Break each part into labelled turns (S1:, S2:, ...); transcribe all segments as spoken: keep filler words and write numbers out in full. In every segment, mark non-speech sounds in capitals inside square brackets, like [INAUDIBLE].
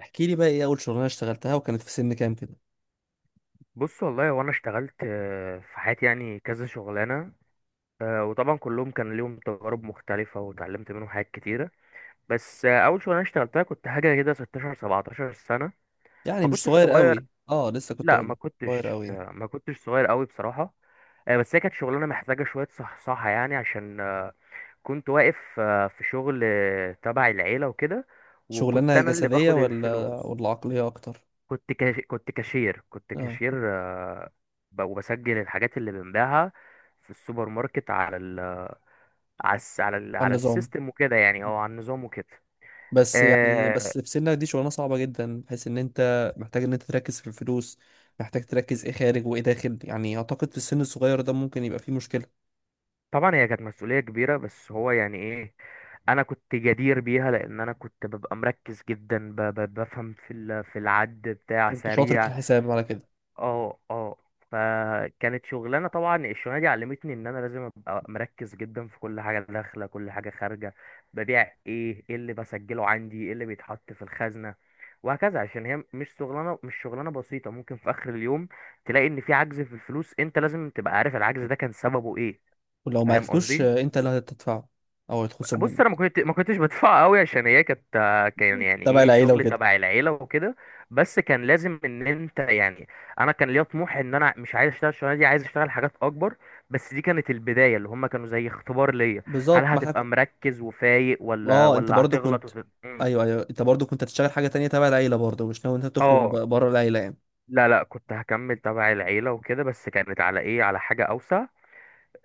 S1: احكي لي بقى ايه اول شغلانه اشتغلتها وكانت في سن كام كده.
S2: بص والله وانا اشتغلت آه، في حياتي يعني كذا شغلانه. آه، وطبعا كلهم كان ليهم تجارب مختلفه واتعلمت منهم حاجات كتيره. بس آه، اول شغلانه اشتغلتها كنت حاجه كده ستاشر سبعتاشر سنه.
S1: يعني
S2: ما
S1: مش
S2: كنتش
S1: صغير
S2: صغير.
S1: قوي، اه لسه كنت
S2: لا ما
S1: اقول صغير
S2: كنتش
S1: قوي يعني.
S2: آه، ما كنتش صغير قوي بصراحه. آه، بس هي كانت شغلانه محتاجه شويه صحصحه يعني عشان آه، كنت واقف آه، في شغل آه، تبع العيله وكده. وكنت
S1: شغلانه
S2: انا اللي
S1: جسديه
S2: باخد
S1: ولا
S2: الفلوس.
S1: ولا عقليه اكتر.
S2: كنت كاش... كنت كاشير كنت
S1: اه،
S2: كاشير آه، ب- وبسجل الحاجات اللي بنبيعها في السوبر ماركت على ال... على الس... على ال...
S1: على
S2: على
S1: النظام.
S2: السيستم وكده يعني او على النظام وكده.
S1: بس يعني
S2: آه،
S1: بس في سنك دي شغلانه صعبه جدا، بحيث ان انت محتاج ان انت تركز في الفلوس، محتاج تركز ايه خارج وايه داخل. يعني اعتقد في السن الصغير ده ممكن يبقى فيه مشكله.
S2: طبعا هي كانت مسؤولية كبيرة، بس هو يعني ايه، انا كنت جدير بيها لان انا كنت ببقى مركز جدا ب... ب... بفهم في ال... في العد بتاع
S1: كنت شاطر في
S2: سريع.
S1: الحساب على كده.
S2: اه اه. فكانت شغلانه، طبعا الشغلانه دي علمتني ان انا لازم ابقى مركز جدا في كل حاجه داخله كل حاجه خارجه. ببيع ايه ايه اللي بسجله عندي، ايه اللي بيتحط في الخزنه، وهكذا. عشان هي مش شغلانه مش شغلانه بسيطه. ممكن في اخر اليوم تلاقي ان في عجز في الفلوس، انت لازم تبقى عارف العجز ده كان سببه ايه.
S1: ولو ما
S2: فاهم
S1: عرفتوش
S2: قصدي.
S1: آه، انت اللي هتدفعه، او هيتخصم
S2: بص انا ما
S1: منك.
S2: كنت ما كنتش بدفع قوي عشان هي كانت، كان يعني
S1: تبع
S2: ايه،
S1: العيله
S2: شغل
S1: وكده.
S2: تبع العيله وكده. بس كان لازم ان انت يعني، انا كان ليا طموح ان انا مش عايز اشتغل الشغلانه دي، عايز اشتغل حاجات اكبر. بس دي كانت البدايه، اللي هم كانوا زي اختبار ليا. هل
S1: بالظبط ما احنا.
S2: هتبقى مركز وفايق ولا
S1: اه انت
S2: ولا
S1: برضو
S2: هتغلط
S1: كنت.
S2: وت... م.
S1: ايوه ايوه، انت برضو كنت هتشتغل حاجه تانية تبع العيله برضو، مش ناوي انت تخرج
S2: اه.
S1: ب- بره العيله يعني.
S2: لا لا كنت هكمل تبع العيله وكده، بس كانت على ايه، على حاجه اوسع.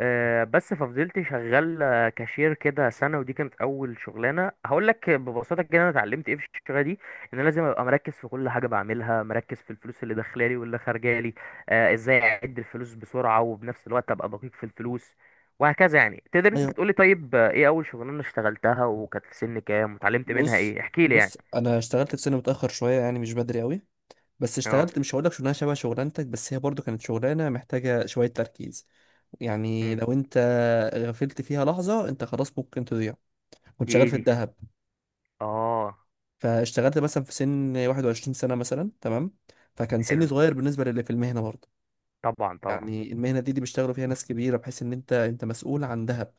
S2: آه، بس ففضلت شغال آه، كاشير كده سنة. ودي كانت أول شغلانة. هقول لك ببساطة كده أنا اتعلمت إيه في الشغلة دي. إن أنا لازم أبقى مركز في كل حاجة بعملها، مركز في الفلوس اللي داخلة لي واللي خارجة لي. آه، إزاي أعد الفلوس بسرعة وبنفس الوقت أبقى دقيق في الفلوس، وهكذا يعني. تقدر أنت
S1: ايوه.
S2: تقولي طيب آه، إيه أول شغلانة اشتغلتها وكانت في سن كام واتعلمت منها
S1: بص
S2: إيه، احكي لي
S1: بص
S2: يعني.
S1: انا اشتغلت في سنه متاخر شويه، يعني مش بدري قوي. بس
S2: أه.
S1: اشتغلت، مش هقول لك شغلانه شبه شغلانتك، بس هي برضو كانت شغلانه محتاجه شويه تركيز. يعني
S2: مم.
S1: لو انت غفلت فيها لحظه انت خلاص ممكن تضيع. كنت
S2: دي
S1: شغال
S2: إيه
S1: في
S2: دي؟
S1: الذهب.
S2: أه.
S1: فاشتغلت مثلا في سن واحد وعشرين سنة سنه مثلا، تمام. فكان سني
S2: حلو.
S1: صغير بالنسبه للي في المهنه برضو.
S2: طبعا طبعا.
S1: يعني المهنه دي دي بيشتغلوا فيها ناس كبيره، بحيث ان انت انت مسؤول عن ذهب.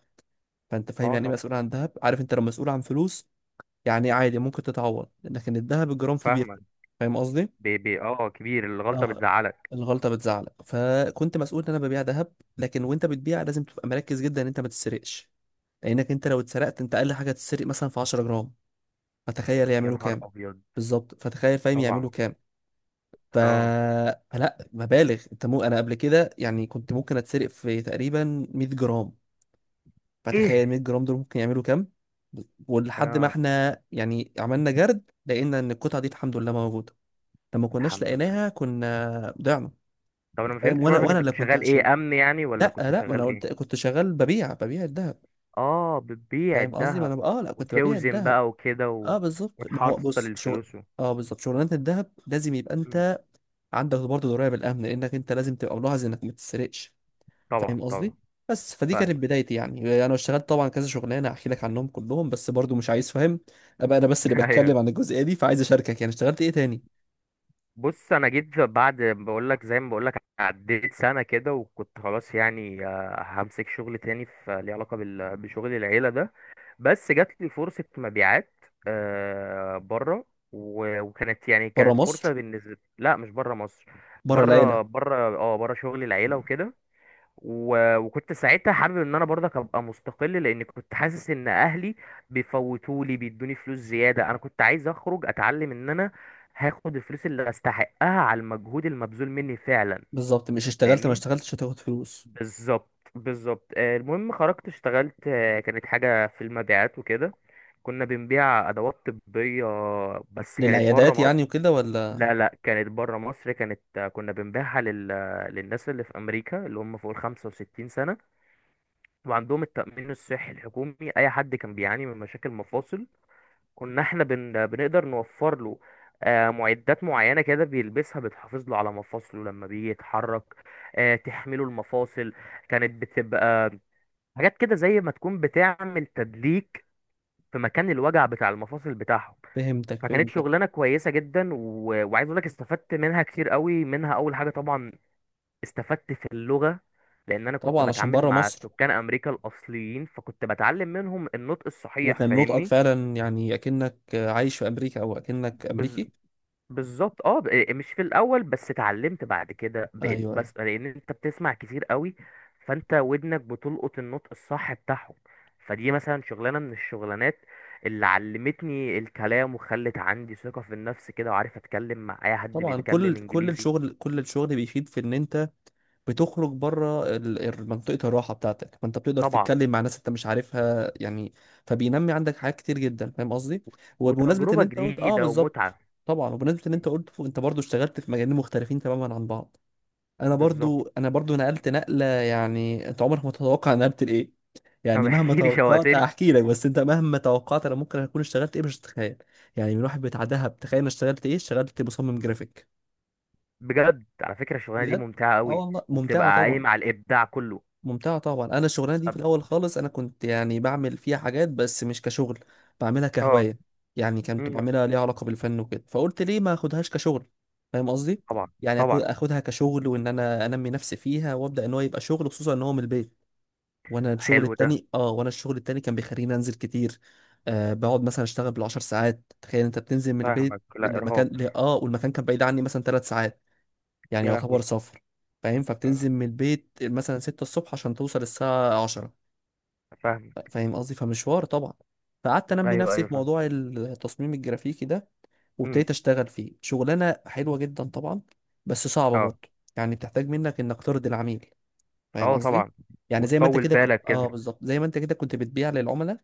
S1: فانت فاهم
S2: أه
S1: يعني ايه
S2: طبعا.
S1: مسؤول عن ذهب، عارف انت لو مسؤول عن فلوس يعني عادي ممكن تتعوض، لكن الذهب الجرام فيه
S2: فاهمك.
S1: بيفرق. فاهم قصدي.
S2: بي بي أه كبير، الغلطة
S1: اه،
S2: بتزعلك.
S1: الغلطه بتزعلك، فكنت مسؤول ان انا ببيع ذهب. لكن وانت بتبيع لازم تبقى مركز جدا ان انت ما تسرقش، لانك انت لو اتسرقت انت اقل حاجه تتسرق مثلا في 10 جرام، فتخيل
S2: يا
S1: يعملوا
S2: نهار
S1: كام.
S2: ابيض.
S1: بالظبط، فتخيل فاهم يعملوا
S2: طبعا.
S1: كام. ف...
S2: اه.
S1: فلا مبالغ، انت مو انا قبل كده يعني كنت ممكن اتسرق في تقريبا 100 جرام. فتخيل
S2: ايه.
S1: 100 جرام دول ممكن يعملوا كام. ولحد ما
S2: اه.
S1: احنا يعني عملنا جرد لقينا ان القطعه دي الحمد لله موجوده. لما كناش
S2: الحمد لله.
S1: لقيناها كنا ضيعنا.
S2: طب انا ما
S1: فاهم،
S2: فهمتش
S1: وانا
S2: برضك،
S1: وانا
S2: انت
S1: اللي
S2: كنت
S1: كنت
S2: شغال
S1: هشيل.
S2: ايه، امن يعني ولا
S1: لا
S2: كنت
S1: لا ما انا
S2: شغال ايه؟
S1: قلت كنت شغال ببيع ببيع الذهب.
S2: اه بتبيع
S1: فاهم قصدي، ما
S2: الذهب
S1: انا اه لا كنت ببيع
S2: وتوزن
S1: الذهب.
S2: بقى وكده و...
S1: اه بالظبط، ما هو
S2: وتحصل
S1: بص شغل.
S2: الفلوس و...
S1: اه بالظبط، شغلانه الذهب لازم يبقى
S2: مم.
S1: انت عندك برضه درايه بالامن، لانك انت لازم تبقى ملاحظ انك ما تتسرقش.
S2: طبعا
S1: فاهم
S2: طبعا.
S1: قصدي. بس فدي كانت
S2: فاهمك.
S1: بدايتي، يعني انا اشتغلت طبعا كذا شغلانه احكي لك عنهم كلهم، بس برضو مش عايز فاهم ابقى انا بس اللي
S2: [LAUGHS] ايوه.
S1: بتكلم عن الجزئيه دي. فعايز اشاركك يعني اشتغلت ايه تاني.
S2: بص انا جيت بعد، بقول لك زي ما بقول لك، عديت سنه كده وكنت خلاص يعني، آه، همسك شغل تاني في ليه علاقه بال... بشغل العيله ده. بس جات لي فرصة مبيعات آه بره. و- وكانت يعني،
S1: بره
S2: كانت
S1: مصر.
S2: فرصة بالنسبة لا، مش بره مصر.
S1: بره العيله.
S2: بره، بره، اه، بره شغل العيلة وكده. و- وكنت ساعتها حابب ان انا برضك ابقى مستقل، لان كنت حاسس ان اهلي بيفوتولي بيدوني فلوس زيادة. انا كنت عايز اخرج اتعلم ان انا هاخد الفلوس اللي استحقها على المجهود المبذول مني فعلا.
S1: بالظبط، مش اشتغلت ما
S2: فاهمني؟
S1: اشتغلتش هتاخد فلوس.
S2: بالظبط، بالظبط. آه، المهم خرجت اشتغلت، آه، كانت حاجة في المبيعات وكده. كنا بنبيع أدوات طبية، بس كانت بره
S1: للعيادات
S2: مصر.
S1: يعني وكده ولا.
S2: لا لا، كانت بره مصر. كانت آه، كنا بنبيعها لل... آه، للناس اللي في أمريكا اللي هم فوق ال خمسة وستين سنة وعندهم التأمين الصحي الحكومي. أي حد كان بيعاني من مشاكل مفاصل كنا احنا بن... بنقدر نوفر له آه، معدات معينة كده بيلبسها بتحافظ له على مفاصله لما بيجي يتحرك. آه، تحمله المفاصل. كانت بتبقى حاجات كده زي ما تكون بتعمل تدليك في مكان الوجع بتاع المفاصل بتاعهم.
S1: فهمتك
S2: فكانت
S1: فهمتك
S2: شغلانه كويسه جدا. و... وعايز اقول لك استفدت منها كتير قوي. منها اول حاجه طبعا استفدت في اللغه، لان انا كنت
S1: طبعا عشان
S2: بتعامل
S1: بره
S2: مع
S1: مصر.
S2: سكان امريكا الاصليين فكنت بتعلم منهم النطق الصحيح،
S1: وكان نطقك
S2: فاهمني.
S1: فعلا يعني اكنك عايش في امريكا او اكنك امريكي.
S2: بالظبط، اه ب- إيه، مش في الاول بس، اتعلمت بعد كده بقيت،
S1: ايوه
S2: بس لان انت بتسمع كتير قوي فانت ودنك بتلقط النطق الصح بتاعهم. فدي مثلا شغلانه من الشغلانات اللي علمتني الكلام وخلت عندي ثقه في النفس كده، وعارف اتكلم مع اي حد
S1: طبعا. كل
S2: بيتكلم
S1: كل
S2: انجليزي.
S1: الشغل، كل الشغل بيفيد في ان انت بتخرج بره ال- ال- منطقة الراحة بتاعتك، فانت بتقدر
S2: طبعا.
S1: تتكلم مع ناس انت مش عارفها يعني. فبينمي عندك حاجات كتير جدا. فاهم قصدي. وبمناسبة ان
S2: وتجربه
S1: انت قلت اه
S2: جديده
S1: بالظبط.
S2: ومتعه.
S1: طبعا، وبمناسبة ان انت قلت انت برضو اشتغلت في مجالين مختلفين تماما عن بعض، انا
S2: بالظبط.
S1: برضو انا برضو نقلت نقلة. يعني انت عمرك ما تتوقع انا نقلت لايه.
S2: طب
S1: يعني مهما
S2: احكي لي،
S1: توقعت
S2: شوقتني.
S1: هحكي لك، بس انت مهما توقعت انا ممكن اكون اشتغلت ايه مش هتتخيل. يعني من واحد بتاع دهب، تخيل انا اشتغلت ايه، اشتغلت مصمم جرافيك.
S2: بجد على فكره الشغلانه دي
S1: بجد.
S2: ممتعه
S1: اه
S2: قوي،
S1: والله
S2: وبتبقى
S1: ممتعة طبعا.
S2: قايمه على الابداع كله.
S1: ممتعة طبعا. أنا الشغلانة دي في
S2: طب-
S1: الأول خالص أنا كنت يعني بعمل فيها حاجات بس مش كشغل، بعملها
S2: اه.
S1: كهواية. يعني كنت
S2: امم.
S1: بعملها ليها علاقة بالفن وكده، فقلت ليه ما أخدهاش كشغل. فاهم قصدي؟
S2: طبعا.
S1: يعني أكو-
S2: طبعا.
S1: أخدها كشغل وإن أنا أنمي نفسي فيها وأبدأ إن هو يبقى شغل، خصوصا إن هو من البيت. وأنا الشغل
S2: حلو ده.
S1: التاني آه وأنا الشغل التاني كان بيخليني أنزل كتير. آه، بقعد مثلا أشتغل بالعشر ساعات. تخيل أنت بتنزل من
S2: فاهمك،
S1: البيت
S2: لا
S1: لمكان
S2: ارهاق.
S1: ل- آه والمكان كان بعيد عني مثلا ثلاث ساعات. يعني
S2: يا لهوي.
S1: يعتبر سفر. فاهم، فبتنزل
S2: مم.
S1: من البيت مثلا ستة الصبح عشان توصل الساعة عشرة.
S2: فاهمك.
S1: فاهم قصدي، فمشوار طبعا. فقعدت انمي
S2: ايوه
S1: نفسي
S2: ايوه
S1: في
S2: فاهم.
S1: موضوع التصميم الجرافيكي ده.
S2: مم.
S1: وابتديت اشتغل فيه، شغلانة حلوة جدا طبعا. بس صعبة
S2: اه
S1: برضه. يعني بتحتاج منك انك ترضي العميل. فاهم
S2: اه.
S1: قصدي.
S2: طبعا.
S1: يعني زي ما انت
S2: وتطول
S1: كده ك...
S2: بالك
S1: اه
S2: كده.
S1: بالظبط، زي ما انت كده كنت بتبيع للعملاء،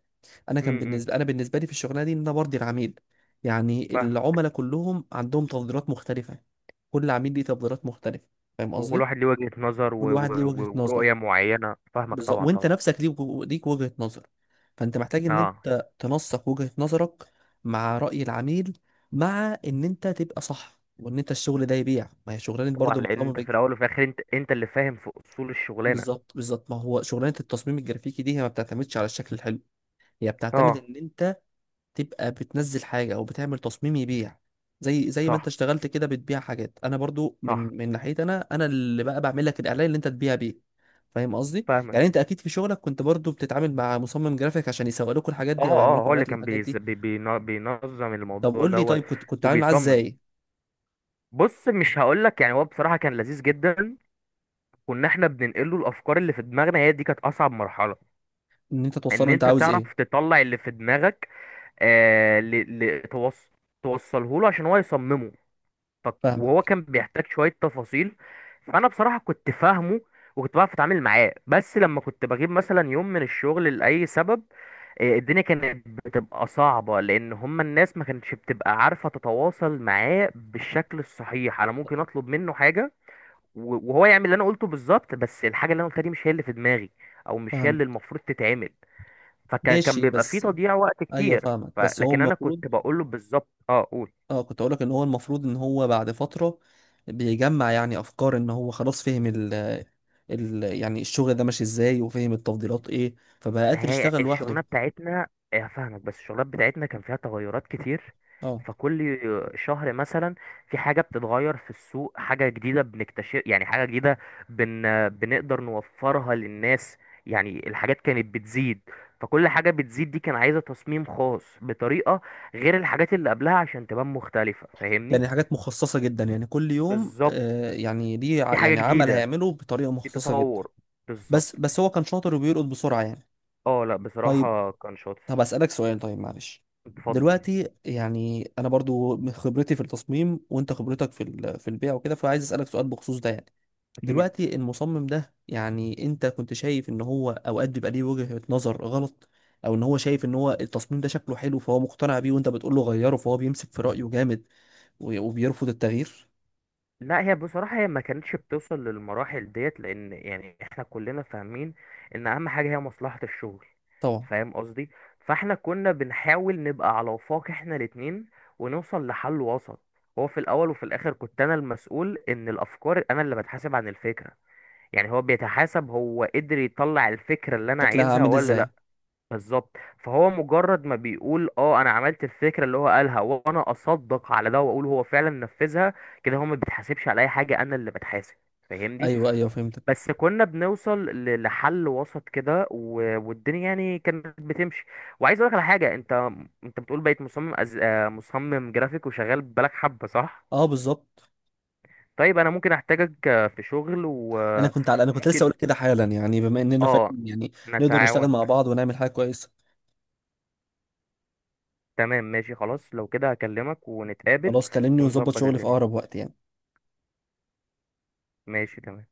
S1: انا كان
S2: امم.
S1: بالنسبه انا بالنسبه لي في الشغلانه دي ان انا برضي العميل. يعني
S2: فاهمك.
S1: العملاء كلهم عندهم تفضيلات مختلفه، كل عميل ليه تفضيلات مختلفه. فاهم
S2: وكل
S1: قصدي.
S2: واحد ليه وجهة نظر و...
S1: كل
S2: و...
S1: واحد ليه وجهة
S2: و-
S1: نظر،
S2: ورؤية معينة، فاهمك،
S1: بالظبط.
S2: طبعا
S1: وانت
S2: طبعا.
S1: نفسك ليك ليك وجهة نظر. فانت محتاج ان
S2: اه
S1: انت تنسق وجهة نظرك مع رأي العميل، مع ان انت تبقى صح وان انت الشغل ده يبيع. ما هي شغلانة
S2: طبعا،
S1: برضه
S2: لان
S1: المصمم
S2: انت في
S1: الج-
S2: الاول وفي الاخر انت، انت اللي فاهم في اصول الشغلانة.
S1: بالظبط بالظبط. ما هو شغلانة التصميم الجرافيكي دي هي ما بتعتمدش على الشكل الحلو، هي بتعتمد
S2: اه.
S1: ان انت تبقى بتنزل حاجة او بتعمل تصميم يبيع. زي زي ما انت
S2: صح
S1: اشتغلت كده بتبيع حاجات، انا برضو
S2: صح.
S1: من من ناحيتي انا، انا اللي بقى بعمل لك الاعلان اللي انت تبيع بيه. فاهم قصدي.
S2: فاهمك.
S1: يعني انت اكيد في شغلك كنت برضو بتتعامل مع مصمم جرافيك عشان يسوق لكم الحاجات
S2: اه
S1: دي او يعملوا
S2: اه.
S1: لكم
S2: هو اللي
S1: اعلانات
S2: كان
S1: للحاجات
S2: بيز...
S1: دي.
S2: بي... بينا- بينظم
S1: طب
S2: الموضوع
S1: قول لي،
S2: دوت
S1: طيب كنت كنت عامل معاه
S2: وبيصمم.
S1: ازاي.
S2: بص، مش هقول لك يعني، هو بصراحة كان لذيذ جدا. كنا احنا بننقله الافكار اللي في دماغنا، هي دي كانت اصعب مرحله،
S1: ان انت
S2: ان
S1: توصله انت
S2: انت
S1: عاوز ايه.
S2: تعرف تطلع اللي في دماغك. آه ل... ل... توص... توصله له عشان هو يصممه. ف... وهو
S1: فاهمك
S2: كان بيحتاج شويه تفاصيل. فانا بصراحه كنت فاهمه وكنت بعرف اتعامل معاه. بس لما كنت بجيب مثلا يوم من الشغل لاي سبب، آه، الدنيا كانت بتبقى صعبة، لأن هما الناس ما كانتش بتبقى عارفة تتواصل معاه بالشكل الصحيح. أنا ممكن أطلب منه حاجة و- وهو يعمل اللي انا قلته بالظبط، بس الحاجه اللي انا قلتها دي مش هي اللي في دماغي، او مش هي
S1: فاهمك
S2: اللي المفروض تتعمل. فكان كان
S1: ماشي
S2: بيبقى فيه
S1: بس.
S2: تضييع وقت
S1: ايوه
S2: كتير.
S1: فاهمك،
S2: ف...
S1: بس هو
S2: لكن انا
S1: المفروض،
S2: كنت بقول له بالظبط، اه قول.
S1: اه كنت اقول لك ان هو المفروض ان هو بعد فترة بيجمع يعني افكار، ان هو خلاص فهم ال ال يعني الشغل ده ماشي ازاي، وفهم التفضيلات ايه، فبقى
S2: ما
S1: قادر
S2: هي
S1: يشتغل لوحده.
S2: الشغلانه بتاعتنا إيه، هفهمك، بس الشغلات بتاعتنا كان فيها تغيرات كتير.
S1: اه.
S2: فكل شهر مثلا في حاجه بتتغير في السوق، حاجه جديده بنكتشف يعني، حاجه جديده بن... بنقدر نوفرها للناس. يعني الحاجات كانت بتزيد، فكل حاجه بتزيد دي كان عايزه تصميم خاص بطريقه غير الحاجات اللي قبلها عشان تبان مختلفه، فاهمني.
S1: يعني حاجات مخصصة جدا، يعني كل يوم
S2: بالظبط.
S1: آه، يعني دي
S2: في
S1: ع-
S2: حاجه
S1: يعني عمل
S2: جديده،
S1: هيعمله بطريقة
S2: في
S1: مخصصة جدا.
S2: تطور.
S1: بس
S2: بالظبط.
S1: بس هو كان شاطر وبيرقد بسرعة يعني.
S2: اه لا
S1: طيب.
S2: بصراحه كان
S1: طب
S2: شاطر.
S1: أسألك سؤال طيب، معلش.
S2: اتفضل.
S1: دلوقتي يعني أنا برضو من خبرتي في التصميم وأنت خبرتك في ال- في البيع وكده، فعايز أسألك سؤال بخصوص ده يعني.
S2: اكيد.
S1: دلوقتي المصمم ده، يعني أنت كنت شايف إن هو أوقات بيبقى ليه وجهة نظر غلط، أو إن هو شايف إن هو التصميم ده شكله حلو فهو مقتنع بيه وأنت بتقول له غيره، فهو بيمسك في رأيه جامد و- وبيرفض التغيير.
S2: لا هي بصراحة هي ما كانتش بتوصل للمراحل ديت، لأن يعني احنا كلنا فاهمين إن أهم حاجة هي مصلحة الشغل.
S1: طبعا.
S2: فاهم قصدي. فاحنا كنا بنحاول نبقى على وفاق احنا الاتنين، ونوصل لحل وسط. هو في الأول وفي الآخر كنت أنا المسؤول إن الأفكار، أنا اللي بتحاسب عن الفكرة. يعني هو بيتحاسب هو قدر يطلع الفكرة اللي أنا
S1: شكلها
S2: عايزها
S1: عامل
S2: ولا
S1: ازاي.
S2: لأ. بالظبط. فهو مجرد ما بيقول اه انا عملت الفكره اللي هو قالها وانا اصدق على ده واقول هو فعلا نفذها، كده هو ما بيتحاسبش على اي حاجه، انا اللي بتحاسب. فاهمني.
S1: ايوه ايوه فهمتك.
S2: بس كنا بنوصل ل- لحل وسط كده و- والدنيا يعني كانت بتمشي. وعايز اقول لك على حاجه، انت انت بتقول بقيت مصمم أز... آه، مصمم جرافيك وشغال بالك حبه، صح؟
S1: اه بالظبط.
S2: طيب انا ممكن احتاجك آه، في شغل،
S1: انا كنت على، انا كنت لسه
S2: وممكن
S1: اقول كده حالا يعني، بما اننا فاهم
S2: اه
S1: يعني نقدر نشتغل
S2: نتعاون.
S1: مع بعض ونعمل حاجه كويسه.
S2: تمام ماشي، خلاص لو كده هكلمك ونتقابل
S1: خلاص كلمني ونظبط
S2: ونظبط
S1: شغلي في
S2: الدنيا.
S1: اقرب وقت يعني.
S2: ماشي تمام.